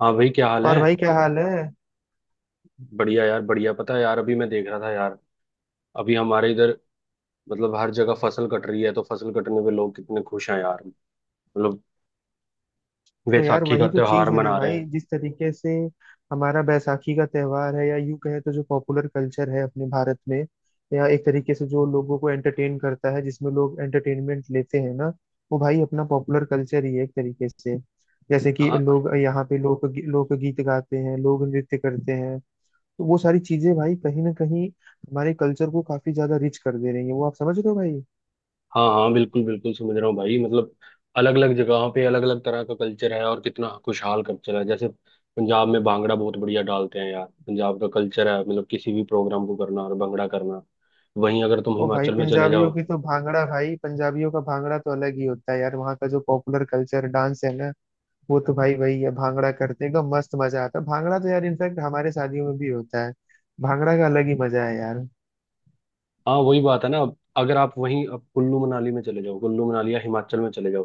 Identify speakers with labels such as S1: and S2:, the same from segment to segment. S1: हाँ भाई, क्या हाल
S2: और
S1: है?
S2: भाई क्या हाल है।
S1: बढ़िया यार, बढ़िया। पता है यार, अभी मैं देख रहा था यार। अभी हमारे इधर मतलब हर जगह फसल कट रही है, तो फसल कटने पे लोग कितने खुश हैं यार। मतलब
S2: तो यार
S1: वैसाखी का
S2: वही तो
S1: त्योहार
S2: चीज है ना
S1: मना रहे हैं।
S2: भाई, जिस तरीके से हमारा बैसाखी का त्योहार है, या यूं कहे तो जो पॉपुलर कल्चर है अपने भारत में, या एक तरीके से जो लोगों को एंटरटेन करता है, जिसमें लोग एंटरटेनमेंट लेते हैं ना, वो भाई अपना पॉपुलर कल्चर ही है एक तरीके से। जैसे कि
S1: हाँ।
S2: लोग यहाँ पे लोकगीत गाते हैं, लोग नृत्य करते हैं। तो वो सारी चीजें भाई कहीं ना कहीं हमारे कल्चर को काफी ज्यादा रिच कर दे रही है। वो आप समझ रहे हो भाई।
S1: हाँ हाँ, बिल्कुल बिल्कुल समझ रहा हूँ भाई। मतलब अलग अलग जगहों पे अलग अलग तरह का कल्चर है, और कितना खुशहाल कल्चर है। जैसे पंजाब में भांगड़ा बहुत बढ़िया डालते हैं यार। पंजाब का कल्चर है, मतलब किसी भी प्रोग्राम को करना और भंगड़ा करना। वहीं अगर तुम
S2: ओ भाई
S1: हिमाचल में चले
S2: पंजाबियों
S1: जाओ।
S2: की तो भांगड़ा, भाई पंजाबियों का भांगड़ा तो अलग ही होता है यार। वहाँ का जो पॉपुलर कल्चर डांस है ना, वो तो भाई वही है, भांगड़ा करते हैं एकदम मस्त, मजा आता है। भांगड़ा तो यार इनफैक्ट हमारे शादियों में भी होता है। भांगड़ा का अलग ही मजा है यार।
S1: हाँ, वही बात है ना। अगर आप वहीं अब कुल्लू मनाली में चले जाओ, कुल्लू मनाली या हिमाचल में चले जाओ।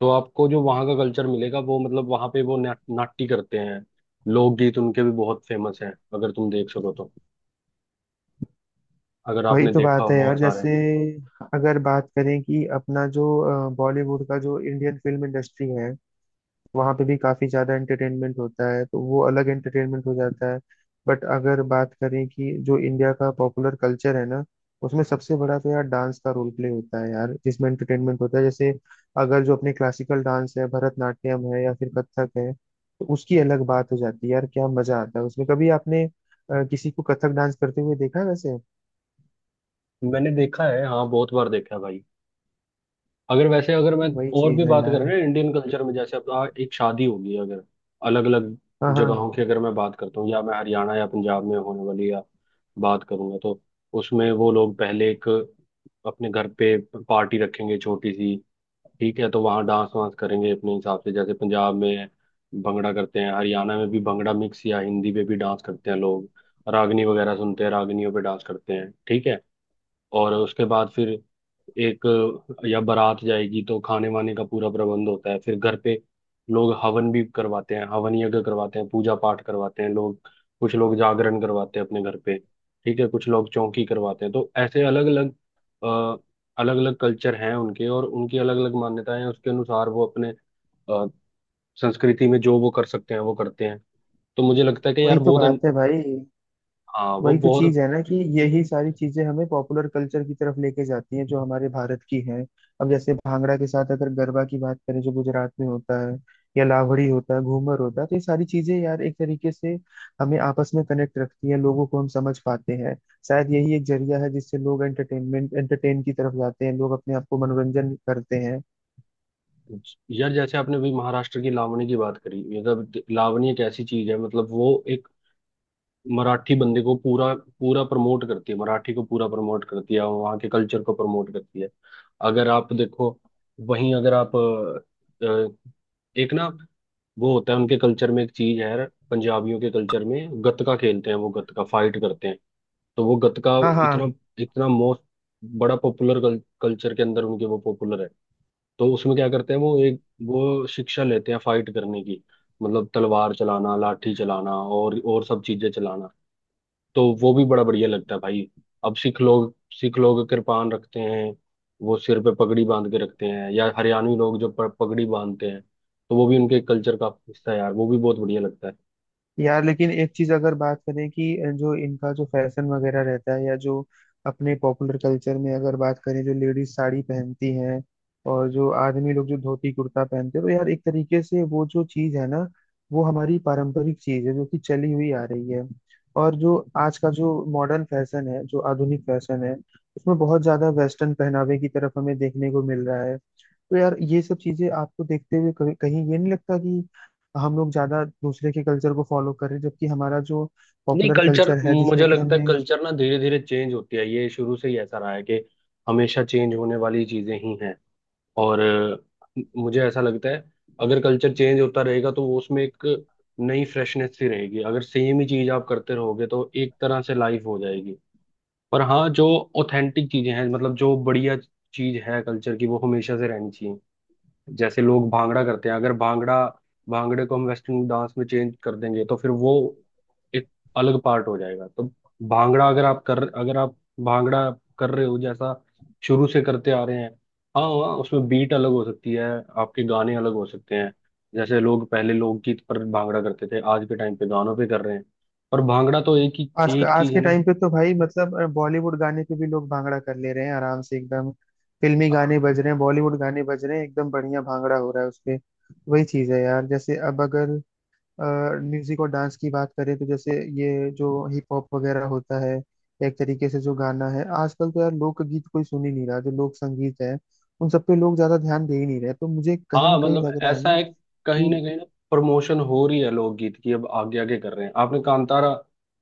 S1: तो आपको जो वहाँ का कल्चर मिलेगा वो, मतलब वहाँ पे वो ना, नाट्य करते हैं। लोकगीत उनके भी बहुत फेमस हैं, अगर तुम देख सको तो। अगर
S2: वही
S1: आपने
S2: तो
S1: देखा हो
S2: बात है
S1: बहुत
S2: यार।
S1: सारे।
S2: जैसे अगर बात करें कि अपना जो बॉलीवुड का जो इंडियन फिल्म इंडस्ट्री है, वहाँ पे भी काफी ज्यादा एंटरटेनमेंट होता है, तो वो अलग एंटरटेनमेंट हो जाता है। बट अगर बात करें कि जो इंडिया का पॉपुलर कल्चर है ना, उसमें सबसे बड़ा तो यार डांस का रोल प्ले होता है यार, जिसमें एंटरटेनमेंट होता है। जैसे अगर जो अपने क्लासिकल डांस है, भरतनाट्यम है या फिर कथक है, तो उसकी अलग बात हो जाती है यार, क्या मजा आता है उसमें। कभी आपने किसी को कथक डांस करते हुए देखा है वैसे?
S1: मैंने देखा है, हाँ, बहुत बार देखा है भाई। अगर वैसे अगर मैं
S2: वही
S1: और भी
S2: चीज है
S1: बात करें
S2: यार।
S1: ना इंडियन कल्चर में, जैसे अब एक शादी होगी अगर, अलग अलग
S2: हाँ
S1: जगहों
S2: हाँ,
S1: की अगर मैं बात करता हूँ, या मैं हरियाणा या पंजाब में होने वाली या बात करूंगा तो उसमें वो लोग पहले एक अपने घर पे पार्टी रखेंगे छोटी सी। ठीक है, तो वहाँ डांस वांस करेंगे अपने हिसाब से। जैसे पंजाब में भंगड़ा करते हैं, हरियाणा में भी भंगड़ा मिक्स या हिंदी पे भी डांस करते हैं लोग। रागनी वगैरह सुनते हैं, रागनियों पे डांस करते हैं। ठीक है। और उसके बाद फिर एक या बारात जाएगी, तो खाने वाने का पूरा प्रबंध होता है फिर घर पे। लोग हवन भी करवाते हैं, हवन यज्ञ करवाते हैं, पूजा पाठ करवाते हैं लोग। कुछ लोग जागरण करवाते हैं अपने घर पे। ठीक है, कुछ लोग चौकी करवाते हैं, तो ऐसे अलग अलग कल्चर हैं उनके, और उनकी अलग अलग मान्यताएं हैं। उसके अनुसार वो अपने अ, संस्कृति में जो वो कर सकते हैं वो करते हैं। तो मुझे लगता है कि यार
S2: वही तो
S1: बहुत।
S2: बात है भाई,
S1: हाँ, वो
S2: वही तो चीज
S1: बहुत।
S2: है ना कि यही सारी चीजें हमें पॉपुलर कल्चर की तरफ लेके जाती हैं, जो हमारे भारत की हैं। अब जैसे भांगड़ा के साथ अगर गरबा की बात करें, जो गुजरात में होता है, या लावड़ी होता है, घूमर होता है, तो ये सारी चीजें यार एक तरीके से हमें आपस में कनेक्ट रखती हैं, लोगों को हम समझ पाते हैं। शायद यही एक जरिया है जिससे लोग एंटरटेनमेंट, एंटरटेन की तरफ जाते हैं, लोग अपने आप को मनोरंजन करते हैं।
S1: यार जैसे आपने अभी महाराष्ट्र की लावणी की बात करी। मतलब लावणी एक ऐसी चीज है, मतलब वो एक मराठी बंदे को पूरा पूरा प्रमोट करती है, मराठी को पूरा प्रमोट करती है, वहाँ के कल्चर को प्रमोट करती है। अगर आप देखो, वहीं अगर आप एक ना, वो होता है उनके कल्चर में एक चीज है यार, पंजाबियों के कल्चर में गतका खेलते हैं, वो गतका फाइट करते हैं। तो वो गतका
S2: हाँ हाँ।
S1: इतना, इतना मोस्ट बड़ा पॉपुलर, कल्चर के अंदर उनके वो पॉपुलर है। तो उसमें क्या करते हैं, वो एक वो शिक्षा लेते हैं फाइट करने की। मतलब तलवार चलाना, लाठी चलाना, और सब चीजें चलाना। तो वो भी बड़ा बढ़िया लगता है भाई। अब सिख लोग कृपान रखते हैं। वो सिर पे पगड़ी बांध के रखते हैं। या हरियाणवी लोग जो पगड़ी बांधते हैं, तो वो भी उनके कल्चर का हिस्सा है यार, वो भी बहुत बढ़िया लगता है।
S2: यार लेकिन एक चीज अगर बात करें कि जो इनका जो फैशन वगैरह रहता है, या जो अपने पॉपुलर कल्चर में अगर बात करें, जो लेडीज साड़ी पहनती हैं और जो आदमी लोग जो धोती कुर्ता पहनते हैं, तो यार एक तरीके से वो जो चीज है ना, वो हमारी पारंपरिक चीज है जो कि चली हुई आ रही है। और जो आज का जो मॉडर्न फैशन है, जो आधुनिक फैशन है, उसमें बहुत ज्यादा वेस्टर्न पहनावे की तरफ हमें देखने को मिल रहा है। तो यार ये सब चीजें आपको देखते हुए कभी- कहीं ये नहीं लगता कि हम लोग ज्यादा दूसरे के कल्चर को फॉलो कर रहे हैं, जबकि हमारा जो
S1: नहीं,
S2: पॉपुलर
S1: कल्चर
S2: कल्चर है
S1: मुझे
S2: जिसमें कि
S1: लगता है
S2: हमने।
S1: कल्चर ना धीरे धीरे चेंज होती है। ये शुरू से ही ऐसा रहा है कि हमेशा चेंज होने वाली चीजें ही हैं। और मुझे ऐसा लगता है, अगर कल्चर चेंज होता रहेगा तो वो उसमें एक नई फ्रेशनेस सी रहेगी। अगर सेम ही चीज आप करते रहोगे, तो एक तरह से लाइफ हो जाएगी। पर हाँ, जो ऑथेंटिक चीजें हैं, मतलब जो बढ़िया चीज है कल्चर की, वो हमेशा से रहनी चाहिए। जैसे लोग भांगड़ा करते हैं। अगर भांगड़ा भांगड़े को हम वेस्टर्न डांस में चेंज कर देंगे तो फिर वो एक अलग पार्ट हो जाएगा। तो भांगड़ा अगर आप भांगड़ा कर रहे हो जैसा शुरू से करते आ रहे हैं। हाँ हाँ, उसमें बीट अलग हो सकती है, आपके गाने अलग हो सकते हैं। जैसे लोग पहले लोकगीत पर भांगड़ा करते थे, आज के टाइम पे गानों पे कर रहे हैं। पर भांगड़ा तो एक ही,
S2: आज,
S1: एक
S2: आज
S1: चीज है
S2: के
S1: ना।
S2: टाइम पे तो भाई मतलब बॉलीवुड गाने पे भी लोग भांगड़ा कर ले रहे हैं आराम से एकदम। फिल्मी गाने बज रहे हैं, बॉलीवुड गाने बज रहे हैं, एकदम बढ़िया भांगड़ा हो रहा है उसपे। वही चीज है यार। जैसे अब अगर म्यूजिक और डांस की बात करें, तो जैसे ये जो हिप हॉप वगैरह होता है, या एक तरीके से जो गाना है आजकल, तो यार लोकगीत कोई सुन ही नहीं रहा, जो लोक संगीत है उन सब पे लोग ज्यादा ध्यान दे ही नहीं रहे। तो मुझे कहीं ना
S1: हाँ,
S2: कहीं
S1: मतलब
S2: लग रहा है
S1: ऐसा
S2: ना
S1: है,
S2: कि
S1: कहीं ना प्रमोशन हो रही है लोकगीत की, अब आगे आगे कर रहे हैं। आपने कांतारा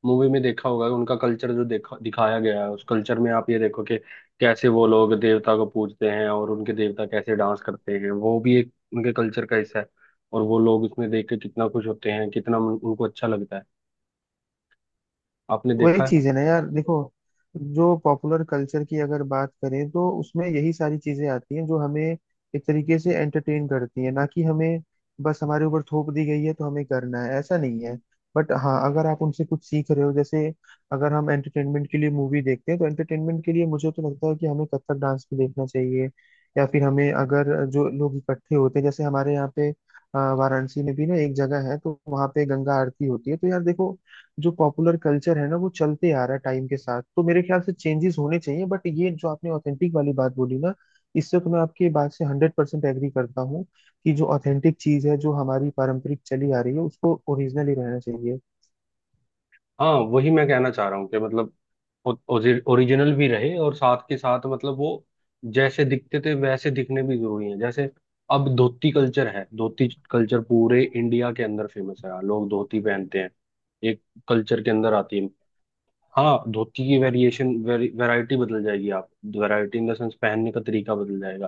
S1: मूवी में देखा होगा, उनका कल्चर जो देखा दिखाया गया है, उस कल्चर में आप ये देखो कि कैसे वो लोग देवता को पूजते हैं और उनके देवता कैसे डांस करते हैं, वो भी एक उनके कल्चर का हिस्सा है। और वो लोग उसमें देख के कितना खुश होते हैं, कितना उनको अच्छा लगता है। आपने
S2: वही
S1: देखा है?
S2: चीज है ना यार। देखो, जो पॉपुलर कल्चर की अगर बात करें, तो उसमें यही सारी चीजें आती हैं जो हमें एक तरीके से एंटरटेन करती है, ना कि हमें बस हमारे ऊपर थोप दी गई है तो हमें करना है, ऐसा नहीं है। बट हाँ, अगर आप उनसे कुछ सीख रहे हो, जैसे अगर हम एंटरटेनमेंट के लिए मूवी देखते हैं, तो एंटरटेनमेंट के लिए मुझे तो लगता है कि हमें कथक डांस भी देखना चाहिए। या फिर हमें अगर जो लोग इकट्ठे होते हैं, जैसे हमारे यहाँ पे वाराणसी में भी ना एक जगह है, तो वहाँ पे गंगा आरती होती है। तो यार देखो, जो पॉपुलर कल्चर है ना, वो चलते आ रहा है टाइम के साथ, तो मेरे ख्याल से चेंजेस होने चाहिए। बट ये जो आपने ऑथेंटिक वाली बात बोली ना, इससे तो मैं आपकी बात से हंड्रेड परसेंट एग्री करता हूँ कि जो ऑथेंटिक चीज है, जो हमारी पारंपरिक चली आ रही है, उसको ओरिजिनल ही रहना चाहिए।
S1: हाँ, वही मैं कहना चाह रहा हूँ कि मतलब ओरिजिनल भी रहे और साथ के साथ मतलब वो जैसे दिखते थे वैसे दिखने भी जरूरी है। जैसे अब धोती कल्चर है, धोती कल्चर पूरे इंडिया के अंदर फेमस है, लोग धोती पहनते हैं, एक कल्चर के अंदर आती है। हाँ, धोती की वेरिएशन वैरायटी बदल जाएगी। आप, वैरायटी इन द सेंस पहनने का तरीका बदल जाएगा।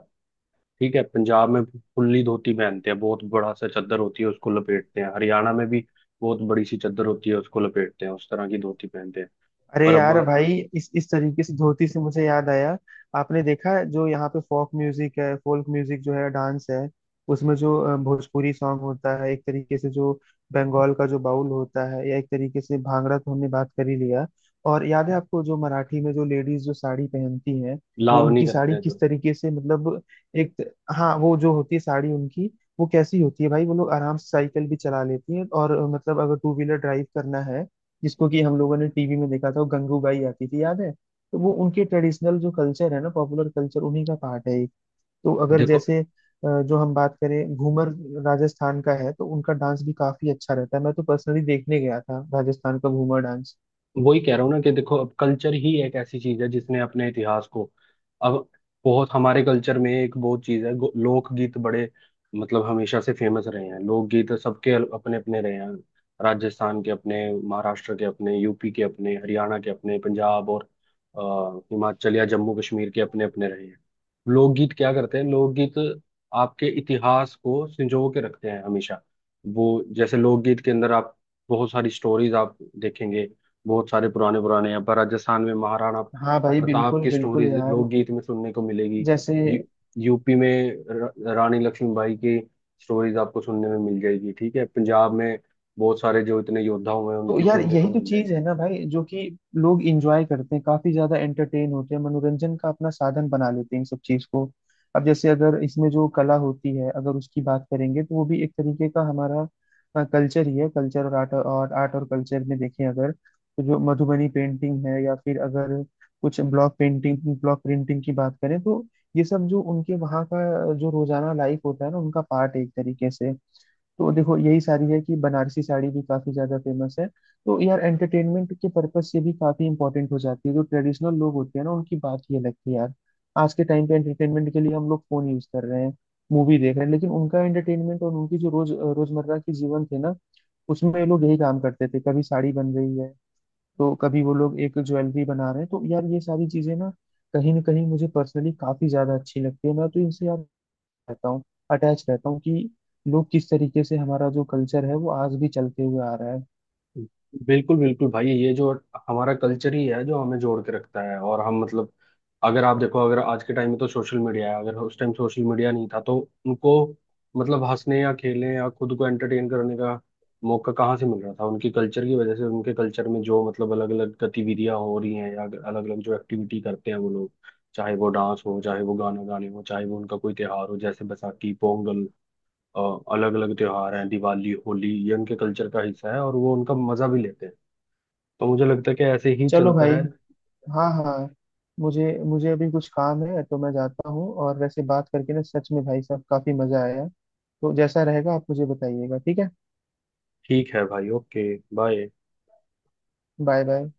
S1: ठीक है, पंजाब में फुल्ली धोती पहनते हैं, बहुत बड़ा सा चद्दर होती है, उसको लपेटते हैं। हरियाणा में भी बहुत बड़ी सी चद्दर होती है, उसको लपेटते हैं, उस तरह की धोती पहनते हैं।
S2: अरे
S1: पर अब
S2: यार भाई, इस तरीके से धोती से मुझे याद आया, आपने देखा जो यहाँ पे फोक म्यूजिक है, फोक म्यूजिक जो है, डांस है, उसमें जो भोजपुरी सॉन्ग होता है, एक तरीके से जो बंगाल का जो बाउल होता है, या एक तरीके से भांगड़ा तो हमने बात कर ही लिया। और याद है आपको जो मराठी में जो लेडीज जो साड़ी पहनती हैं, वो
S1: लाव नहीं
S2: उनकी
S1: करते
S2: साड़ी
S1: हैं जो,
S2: किस तरीके से, मतलब एक, हाँ वो जो होती है साड़ी उनकी, वो कैसी होती है भाई? वो लोग आराम से साइकिल भी चला लेती हैं, और मतलब अगर टू व्हीलर ड्राइव करना है, जिसको कि हम लोगों ने टीवी में देखा था, वो गंगू बाई आती थी, याद है? तो वो उनके ट्रेडिशनल जो कल्चर है ना, पॉपुलर कल्चर, उन्हीं का पार्ट है ये। तो अगर
S1: देखो।
S2: जैसे जो हम बात करें घूमर, राजस्थान का है, तो उनका डांस भी काफी अच्छा रहता है। मैं तो पर्सनली देखने गया था राजस्थान का घूमर डांस।
S1: वही कह रहा हूँ ना कि देखो, अब कल्चर ही एक ऐसी चीज है जिसने अपने इतिहास को, अब बहुत हमारे कल्चर में एक बहुत चीज है, लोकगीत बड़े मतलब हमेशा से फेमस रहे हैं। लोकगीत सबके अपने अपने रहे हैं। राजस्थान के अपने, महाराष्ट्र के अपने, यूपी के अपने, हरियाणा के अपने, पंजाब और हिमाचल या जम्मू कश्मीर के अपने अपने रहे हैं। लोकगीत क्या करते हैं, लोकगीत आपके इतिहास को संजो के रखते हैं हमेशा। वो जैसे लोकगीत के अंदर आप बहुत सारी स्टोरीज आप देखेंगे। बहुत सारे पुराने पुराने, यहाँ पर राजस्थान में महाराणा
S2: हाँ भाई
S1: प्रताप
S2: बिल्कुल
S1: की
S2: बिल्कुल
S1: स्टोरीज
S2: यार।
S1: लोकगीत में सुनने को मिलेगी।
S2: जैसे
S1: यू, यूपी में रानी लक्ष्मीबाई की स्टोरीज आपको सुनने में मिल जाएगी। ठीक है, पंजाब में बहुत सारे जो इतने योद्धा हुए हैं
S2: तो
S1: उनकी
S2: यार
S1: सुनने
S2: यही
S1: को
S2: तो
S1: मिल
S2: चीज
S1: जाएगी।
S2: है ना भाई, जो कि लोग इंजॉय करते हैं, काफी ज्यादा एंटरटेन होते हैं, मनोरंजन का अपना साधन बना लेते हैं इन सब चीज को। अब जैसे अगर इसमें जो कला होती है, अगर उसकी बात करेंगे, तो वो भी एक तरीके का हमारा कल्चर ही है। कल्चर और आर्ट, और आर्ट और कल्चर में देखें अगर, तो जो मधुबनी पेंटिंग है, या फिर अगर कुछ ब्लॉक पेंटिंग ब्लॉक प्रिंटिंग की बात करें, तो ये सब जो उनके वहाँ का जो रोजाना लाइफ होता है ना, उनका पार्ट है एक तरीके से। तो देखो यही साड़ी है कि बनारसी साड़ी भी काफी ज्यादा फेमस है। तो यार एंटरटेनमेंट के पर्पज से भी काफी इंपॉर्टेंट हो जाती है। जो ट्रेडिशनल लोग होते हैं ना, उनकी बात ही अलग थी यार। आज के टाइम पे एंटरटेनमेंट के लिए हम लोग फोन यूज कर रहे हैं, मूवी देख रहे हैं, लेकिन उनका एंटरटेनमेंट और उनकी जो रोज, रोजमर्रा की जीवन थे ना, उसमें ये लोग यही काम करते थे, कभी साड़ी बन रही है, तो कभी वो लोग एक ज्वेलरी बना रहे हैं। तो यार ये सारी चीजें ना कहीं मुझे पर्सनली काफी ज्यादा अच्छी लगती है। मैं तो इनसे यार रहता हूँ, अटैच रहता हूँ कि लोग किस तरीके से, हमारा जो कल्चर है वो आज भी चलते हुए आ रहा है।
S1: बिल्कुल बिल्कुल भाई, ये जो हमारा कल्चर ही है जो हमें जोड़ के रखता है, और हम मतलब, अगर आप देखो, अगर आज के टाइम में तो सोशल मीडिया है। अगर उस टाइम सोशल मीडिया नहीं था तो उनको मतलब हंसने या खेलने या खुद को एंटरटेन करने का मौका कहाँ से मिल रहा था? उनके कल्चर की वजह से। उनके कल्चर में जो मतलब अलग अलग गतिविधियां हो रही हैं या अलग अलग जो एक्टिविटी करते हैं वो लोग, चाहे वो डांस हो, चाहे वो गाना गाने हो, चाहे वो उनका कोई त्योहार हो, जैसे बैसाखी, पोंगल, अलग अलग त्योहार हैं, दिवाली, होली, ये उनके कल्चर का हिस्सा है और वो उनका मजा भी लेते हैं। तो मुझे लगता है कि ऐसे ही
S2: चलो
S1: चलता
S2: भाई,
S1: है।
S2: हाँ हाँ, मुझे मुझे अभी कुछ काम है तो मैं जाता हूँ, और वैसे बात करके ना सच में भाई साहब काफी मजा आया। तो जैसा रहेगा आप मुझे बताइएगा, ठीक है?
S1: ठीक है भाई, ओके, बाय।
S2: Bye bye.